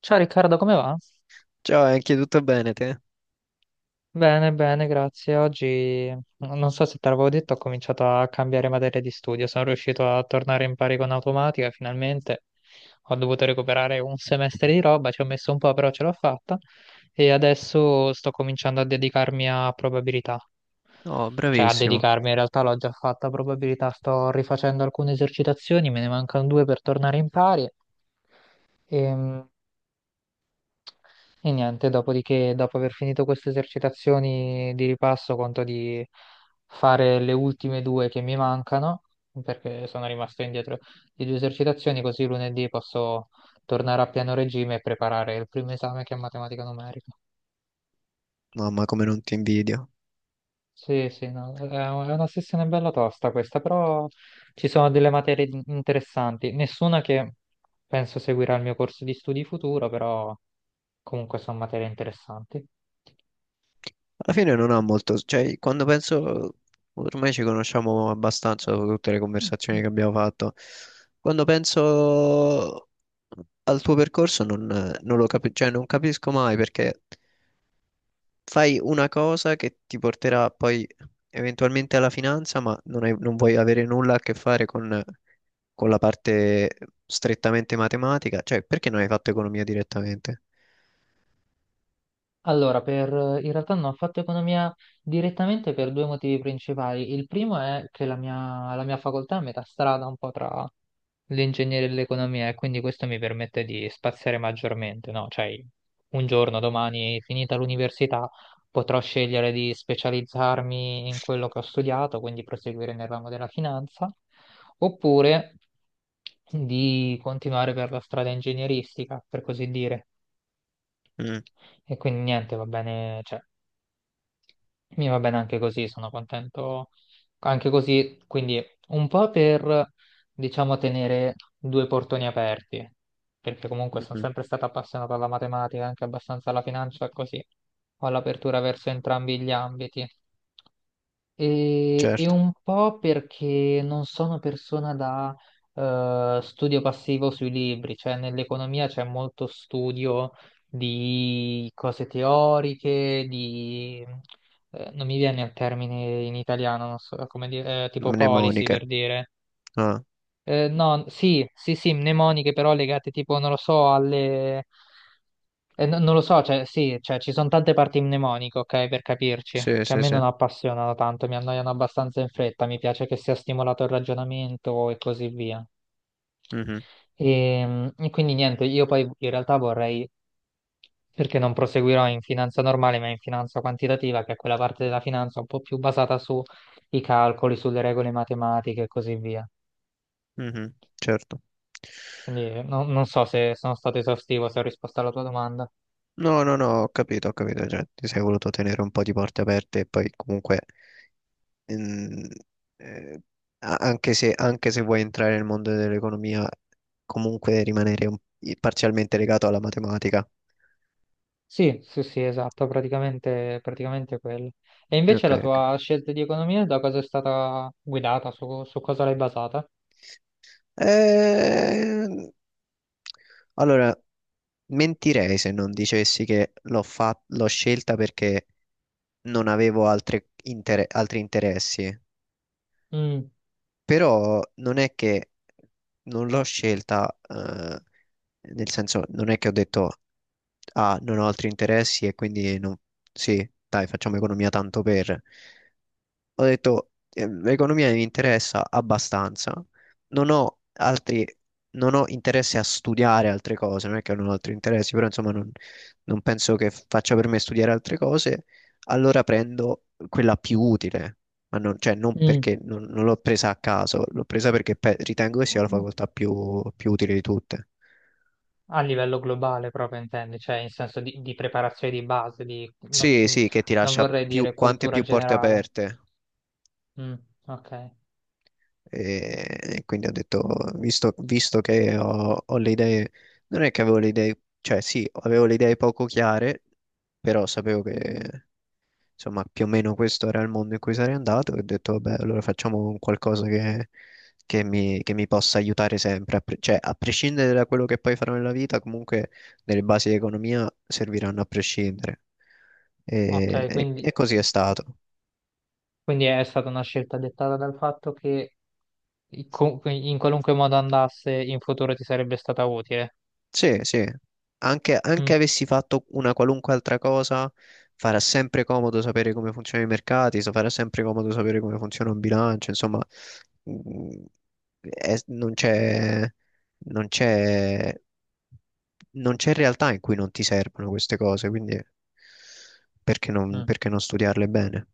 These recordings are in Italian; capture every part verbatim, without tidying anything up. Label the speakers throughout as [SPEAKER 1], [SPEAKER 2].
[SPEAKER 1] Ciao Riccardo, come va?
[SPEAKER 2] Ciao, anche tutto bene te?
[SPEAKER 1] Bene, bene, grazie. Oggi, non so se te l'avevo detto, ho cominciato a cambiare materia di studio. Sono riuscito a tornare in pari con automatica, finalmente. Ho dovuto recuperare un semestre di roba, ci ho messo un po', però ce l'ho fatta. E adesso sto cominciando a dedicarmi a probabilità.
[SPEAKER 2] No,
[SPEAKER 1] Cioè, a
[SPEAKER 2] bravissimo.
[SPEAKER 1] dedicarmi, in realtà l'ho già fatta a probabilità. Sto rifacendo alcune esercitazioni, me ne mancano due per tornare in pari. Ehm, E niente, dopodiché, dopo aver finito queste esercitazioni di ripasso, conto di fare le ultime due che mi mancano, perché sono rimasto indietro di due esercitazioni, così lunedì posso tornare a pieno regime e preparare il primo esame che è matematica numerica.
[SPEAKER 2] Mamma, come non ti invidio.
[SPEAKER 1] Sì, sì, no, è un- è una sessione bella tosta questa, però ci sono delle materie in- interessanti, nessuna che penso seguirà il mio corso di studi futuro, però comunque sono materie interessanti.
[SPEAKER 2] Alla fine non ha molto, cioè, quando penso, ormai ci conosciamo abbastanza dopo tutte le conversazioni che abbiamo fatto. Quando penso al tuo percorso non, non lo capisco, cioè, non capisco mai perché fai una cosa che ti porterà poi eventualmente alla finanza, ma non hai- non vuoi avere nulla a che fare con, con la parte strettamente matematica. Cioè, perché non hai fatto economia direttamente?
[SPEAKER 1] Allora, per, In realtà non ho fatto economia direttamente per due motivi principali. Il primo è che la mia, la mia facoltà è a metà strada un po' tra l'ingegneria e l'economia, e quindi questo mi permette di spaziare maggiormente, no? Cioè, un giorno, domani, finita l'università, potrò scegliere di specializzarmi in quello che ho studiato, quindi proseguire nel ramo della finanza, oppure di continuare per la strada ingegneristica, per così dire.
[SPEAKER 2] Mm.
[SPEAKER 1] E quindi niente, va bene, cioè, mi va bene anche così, sono contento anche così, quindi un po' per, diciamo, tenere due portoni aperti, perché comunque sono
[SPEAKER 2] Mm.
[SPEAKER 1] sempre stato appassionato alla matematica, anche abbastanza alla finanza, così ho l'apertura verso entrambi gli ambiti. E, e
[SPEAKER 2] Certo.
[SPEAKER 1] un po' perché non sono persona da eh, studio passivo sui libri, cioè nell'economia c'è molto studio di cose teoriche, di... eh, Non mi viene il termine in italiano, non so come dire, eh, tipo policy
[SPEAKER 2] Mnemoniche.
[SPEAKER 1] per dire,
[SPEAKER 2] Ah,
[SPEAKER 1] eh, no, sì, sì, sì, mnemoniche, però legate tipo, non lo so, alle... eh, no- non lo so, cioè sì, cioè ci sono tante parti mnemoniche, ok, per capirci,
[SPEAKER 2] sì,
[SPEAKER 1] che a
[SPEAKER 2] sì,
[SPEAKER 1] me
[SPEAKER 2] sì.
[SPEAKER 1] non appassionano tanto, mi annoiano abbastanza in fretta, mi piace che sia stimolato il ragionamento e così via.
[SPEAKER 2] Mhm.
[SPEAKER 1] E, e quindi niente, io poi in realtà vorrei, perché non proseguirò in finanza normale, ma in finanza quantitativa, che è quella parte della finanza un po' più basata sui calcoli, sulle regole matematiche e così via.
[SPEAKER 2] Mhm. Certo.
[SPEAKER 1] Quindi eh, no- non so se sono stato esaustivo, se ho risposto alla tua domanda.
[SPEAKER 2] No, no, no, ho capito, ho capito. Cioè, ti sei voluto tenere un po' di porte aperte e poi comunque, mm, eh, a- anche se, anche se vuoi entrare nel mondo dell'economia, comunque rimanere un- parzialmente legato alla matematica.
[SPEAKER 1] Sì, sì, sì, esatto, praticamente, praticamente quello. E invece
[SPEAKER 2] Ok,
[SPEAKER 1] la
[SPEAKER 2] ok.
[SPEAKER 1] tua scelta di economia da cosa è stata guidata, su, su cosa l'hai basata?
[SPEAKER 2] Eh, allora, mentirei se non dicessi che l'ho fa- l'ho scelta perché non avevo altre inter- altri interessi,
[SPEAKER 1] Mm,
[SPEAKER 2] però non è che non l'ho scelta, eh, nel senso non è che ho detto, ah, non ho altri interessi e quindi non- sì, dai, facciamo economia tanto per ho detto, eh, l'economia mi interessa abbastanza, non ho altri, non ho interesse a studiare altre cose, non è che non ho altri interessi, però insomma non, non penso che faccia per me studiare altre cose, allora prendo quella più utile, ma non, cioè, non
[SPEAKER 1] mm.
[SPEAKER 2] perché non, non l'ho presa a caso, l'ho presa perché pe- ritengo che sia la facoltà più più utile di tutte.
[SPEAKER 1] A livello globale proprio intendi, cioè in senso di, di preparazione di base, di, no-
[SPEAKER 2] Sì,
[SPEAKER 1] mm,
[SPEAKER 2] sì, che ti
[SPEAKER 1] non
[SPEAKER 2] lascia
[SPEAKER 1] vorrei
[SPEAKER 2] più,
[SPEAKER 1] dire
[SPEAKER 2] quante
[SPEAKER 1] cultura
[SPEAKER 2] più porte
[SPEAKER 1] generale.
[SPEAKER 2] aperte.
[SPEAKER 1] Mm, ok,
[SPEAKER 2] E quindi ho detto, visto, visto che ho, ho le idee, non è che avevo le idee, cioè sì, avevo le idee poco chiare, però sapevo che insomma più o meno questo era il mondo in cui sarei andato e ho detto, vabbè, allora facciamo un qualcosa che, che mi, che mi possa aiutare sempre, a pre- cioè a prescindere da quello che poi farò nella vita, comunque delle basi di economia serviranno a prescindere. E,
[SPEAKER 1] ok,
[SPEAKER 2] e-
[SPEAKER 1] quindi,
[SPEAKER 2] e così è stato.
[SPEAKER 1] quindi è stata una scelta dettata dal fatto che co- in qualunque modo andasse in futuro ti sarebbe stata utile.
[SPEAKER 2] Sì, sì, anche, anche
[SPEAKER 1] Mm,
[SPEAKER 2] avessi fatto una qualunque altra cosa, farà sempre comodo sapere come funzionano i mercati, so- farà sempre comodo sapere come funziona un bilancio, insomma, mm, è- non c'è, non c'è, non c'è realtà in cui non ti servono queste cose, quindi perché non,
[SPEAKER 1] mm.
[SPEAKER 2] perché non studiarle bene?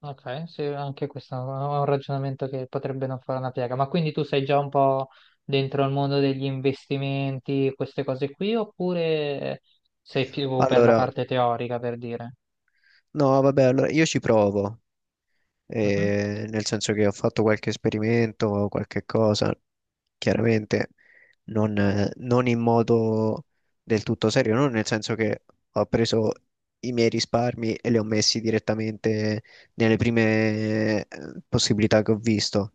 [SPEAKER 1] Ok, sì, anche questo è un ragionamento che potrebbe non fare una piega. Ma quindi tu sei già un po' dentro il mondo degli investimenti, queste cose qui, oppure sei più per la
[SPEAKER 2] Allora,
[SPEAKER 1] parte teorica, per dire?
[SPEAKER 2] no, vabbè, allora io ci provo, eh, nel senso che ho fatto qualche esperimento, qualche cosa, chiaramente non, eh, non in modo del tutto serio, non nel senso che ho preso i miei risparmi e li ho messi direttamente nelle prime eh, possibilità che ho visto,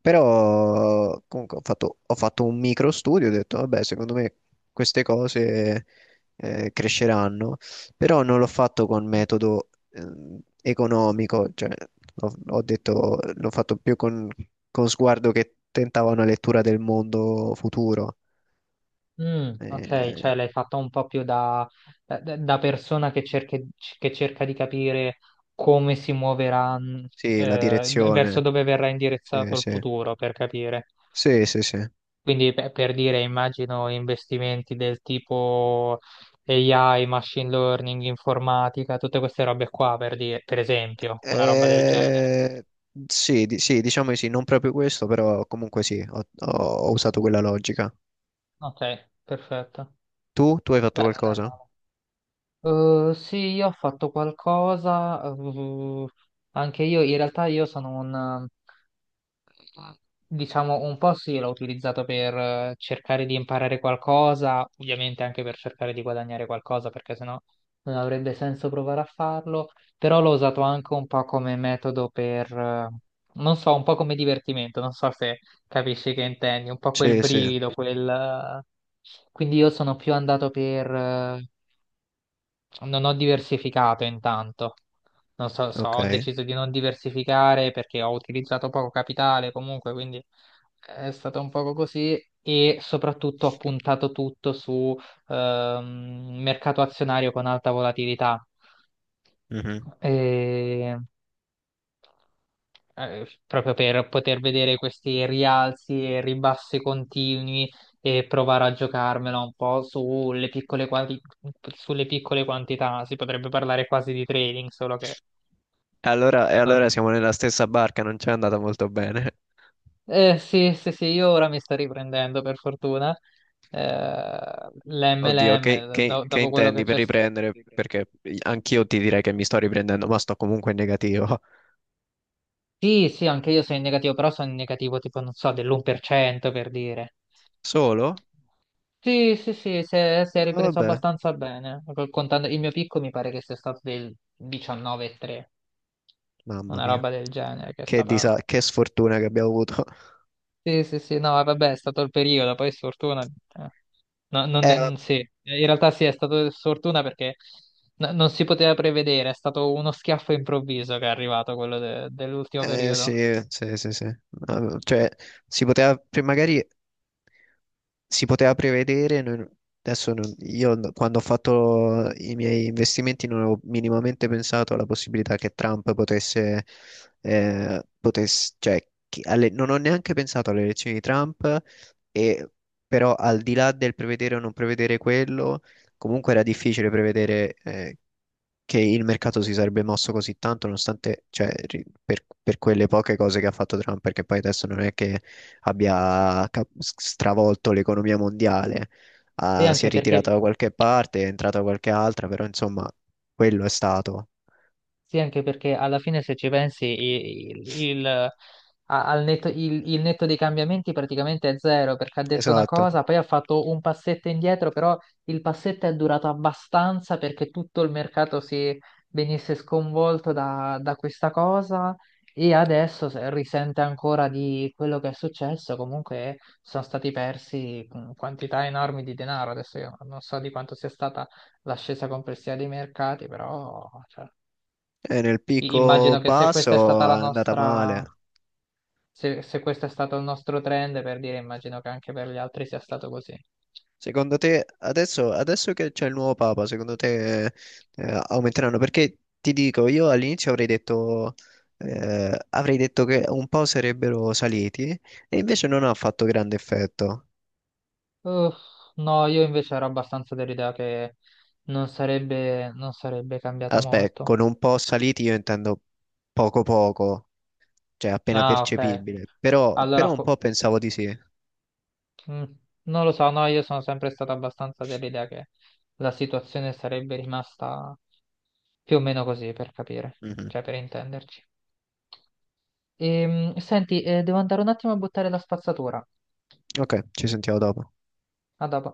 [SPEAKER 2] però comunque ho fatto, ho fatto un micro studio, ho detto, vabbè, secondo me queste cose eh, cresceranno, però non l'ho fatto con
[SPEAKER 1] Mhm.
[SPEAKER 2] metodo ehm, economico, cioè ho, ho detto, l'ho fatto più con, con, sguardo che tentava una lettura del mondo futuro.
[SPEAKER 1] Mm, ok, cioè
[SPEAKER 2] Eh,
[SPEAKER 1] l'hai fatto un po' più da, da- da persona che cerca, che cerca di capire come si muoverà, mh,
[SPEAKER 2] sì, la
[SPEAKER 1] eh, verso
[SPEAKER 2] direzione,
[SPEAKER 1] dove verrà
[SPEAKER 2] sì,
[SPEAKER 1] indirizzato il
[SPEAKER 2] sì,
[SPEAKER 1] futuro, per capire.
[SPEAKER 2] sì, sì, sì.
[SPEAKER 1] Quindi pe- per dire, immagino investimenti del tipo A I, machine learning, informatica, tutte queste robe qua, per dire, per esempio, una roba del genere.
[SPEAKER 2] Eh, sì, di- sì, diciamo di sì, non proprio questo, però comunque sì, ho, ho- ho usato quella logica.
[SPEAKER 1] Ok, perfetto.
[SPEAKER 2] Tu? Tu hai fatto
[SPEAKER 1] Beh, non è
[SPEAKER 2] qualcosa?
[SPEAKER 1] male. Eh, sì, io ho fatto qualcosa, eh, anche io in realtà io sono un, eh, diciamo, un po' sì, l'ho utilizzato per eh, cercare di imparare qualcosa, ovviamente anche per cercare di guadagnare qualcosa, perché sennò non avrebbe senso provare a farlo, però l'ho usato anche un po' come metodo per, eh, non so, un po' come divertimento, non so se capisci che intendi, un po' quel
[SPEAKER 2] Sì, sì,
[SPEAKER 1] brivido, quel... eh, quindi io sono più andato per... eh, non ho diversificato intanto. Non so, so- ho
[SPEAKER 2] ok.
[SPEAKER 1] deciso di non diversificare perché ho utilizzato poco capitale comunque, quindi è stato un poco così, e soprattutto ho puntato tutto su ehm, mercato azionario con alta volatilità,
[SPEAKER 2] Mhm.
[SPEAKER 1] eh, proprio per poter vedere questi rialzi e ribassi continui e provare a giocarmela un po' sulle piccole, quanti- sulle piccole quantità. Si potrebbe parlare quasi di trading, solo che
[SPEAKER 2] E allora, e allora
[SPEAKER 1] non...
[SPEAKER 2] siamo nella stessa barca, non ci è andata molto bene.
[SPEAKER 1] eh, sì, sì, sì, io ora mi sto riprendendo per fortuna. Eh,
[SPEAKER 2] Oddio, che,
[SPEAKER 1] l'M L M,
[SPEAKER 2] che-
[SPEAKER 1] do-
[SPEAKER 2] che
[SPEAKER 1] dopo quello che
[SPEAKER 2] intendi per
[SPEAKER 1] c'è.
[SPEAKER 2] riprendere? Perché anch'io ti direi che mi sto riprendendo, ma sto comunque in negativo.
[SPEAKER 1] Sì, sì, anche io sono in negativo, però sono in negativo tipo, non so, dell'uno per cento per cento per dire.
[SPEAKER 2] Solo?
[SPEAKER 1] Sì, sì, sì, si è, si è
[SPEAKER 2] Ah,
[SPEAKER 1] ripreso
[SPEAKER 2] vabbè,
[SPEAKER 1] abbastanza bene. Col- Contando il mio picco mi pare che sia stato del diciannove virgola tre,
[SPEAKER 2] mamma
[SPEAKER 1] una
[SPEAKER 2] mia.
[SPEAKER 1] roba del genere che è
[SPEAKER 2] Che,
[SPEAKER 1] stata...
[SPEAKER 2] disa- che sfortuna che abbiamo avuto.
[SPEAKER 1] Sì, sì, sì, no, vabbè, è stato il periodo, poi sfortuna... eh, no, non è- mm, sì, in realtà sì, è stato sfortuna perché n- non si poteva prevedere, è stato uno schiaffo improvviso che è arrivato quello de- dell'ultimo
[SPEAKER 2] Eh
[SPEAKER 1] periodo.
[SPEAKER 2] sì, sì, sì, sì. Eh, Cioè, si poteva, pre- magari si poteva prevedere, noi- adesso non- io n- quando ho fatto i miei investimenti non avevo minimamente pensato alla possibilità che Trump potesse, eh, potesse- cioè, chi- alle- non ho neanche pensato alle elezioni di Trump, e, però al di là del prevedere o non prevedere quello, comunque era difficile prevedere, eh, che il mercato si sarebbe mosso così tanto, nonostante, cioè, ri- per, per quelle poche cose che ha fatto Trump, perché poi adesso non è che abbia cap- stravolto l'economia mondiale,
[SPEAKER 1] Sì,
[SPEAKER 2] ah, si è
[SPEAKER 1] anche
[SPEAKER 2] ritirata
[SPEAKER 1] perché
[SPEAKER 2] da qualche parte, è entrata da qualche altra, però insomma, quello è stato.
[SPEAKER 1] Sì, anche perché alla fine se ci pensi il, il- a- al netto, il- il netto dei cambiamenti praticamente è zero, perché ha detto una
[SPEAKER 2] Esatto.
[SPEAKER 1] cosa, poi ha fatto un passetto indietro, però il passetto è durato abbastanza perché tutto il mercato si venisse sconvolto da, da questa cosa, e adesso se- risente ancora di quello che è successo. Comunque sono stati persi mh, quantità enormi di denaro. Adesso io non so di quanto sia stata l'ascesa complessiva dei mercati, però... cioè,
[SPEAKER 2] E nel
[SPEAKER 1] i-
[SPEAKER 2] picco
[SPEAKER 1] immagino che se questa è stata
[SPEAKER 2] basso
[SPEAKER 1] la
[SPEAKER 2] è andata
[SPEAKER 1] nostra,
[SPEAKER 2] male.
[SPEAKER 1] se, se questo è stato il nostro trend, per dire, immagino che anche per gli altri sia stato così.
[SPEAKER 2] Secondo te, adesso, adesso che c'è il nuovo Papa, secondo te eh, aumenteranno? Perché ti dico, io all'inizio avrei detto, eh, avrei detto, che un po' sarebbero saliti e invece non ha fatto grande effetto.
[SPEAKER 1] Uff, no, io invece ero abbastanza dell'idea che non sarebbe, non sarebbe cambiato
[SPEAKER 2] Aspetta,
[SPEAKER 1] molto.
[SPEAKER 2] con un po' saliti io intendo poco poco, cioè appena
[SPEAKER 1] Ah, ok.
[SPEAKER 2] percepibile, però, però
[SPEAKER 1] Allora,
[SPEAKER 2] un po'
[SPEAKER 1] fo-
[SPEAKER 2] pensavo di sì.
[SPEAKER 1] mm, non lo so, no, io sono sempre stato abbastanza dell'idea che la situazione sarebbe rimasta più o meno così, per capire,
[SPEAKER 2] Mhm.
[SPEAKER 1] cioè per intenderci. Ehm, senti, eh, devo andare un attimo a buttare la spazzatura.
[SPEAKER 2] Ok, ci sentiamo dopo.
[SPEAKER 1] A dopo.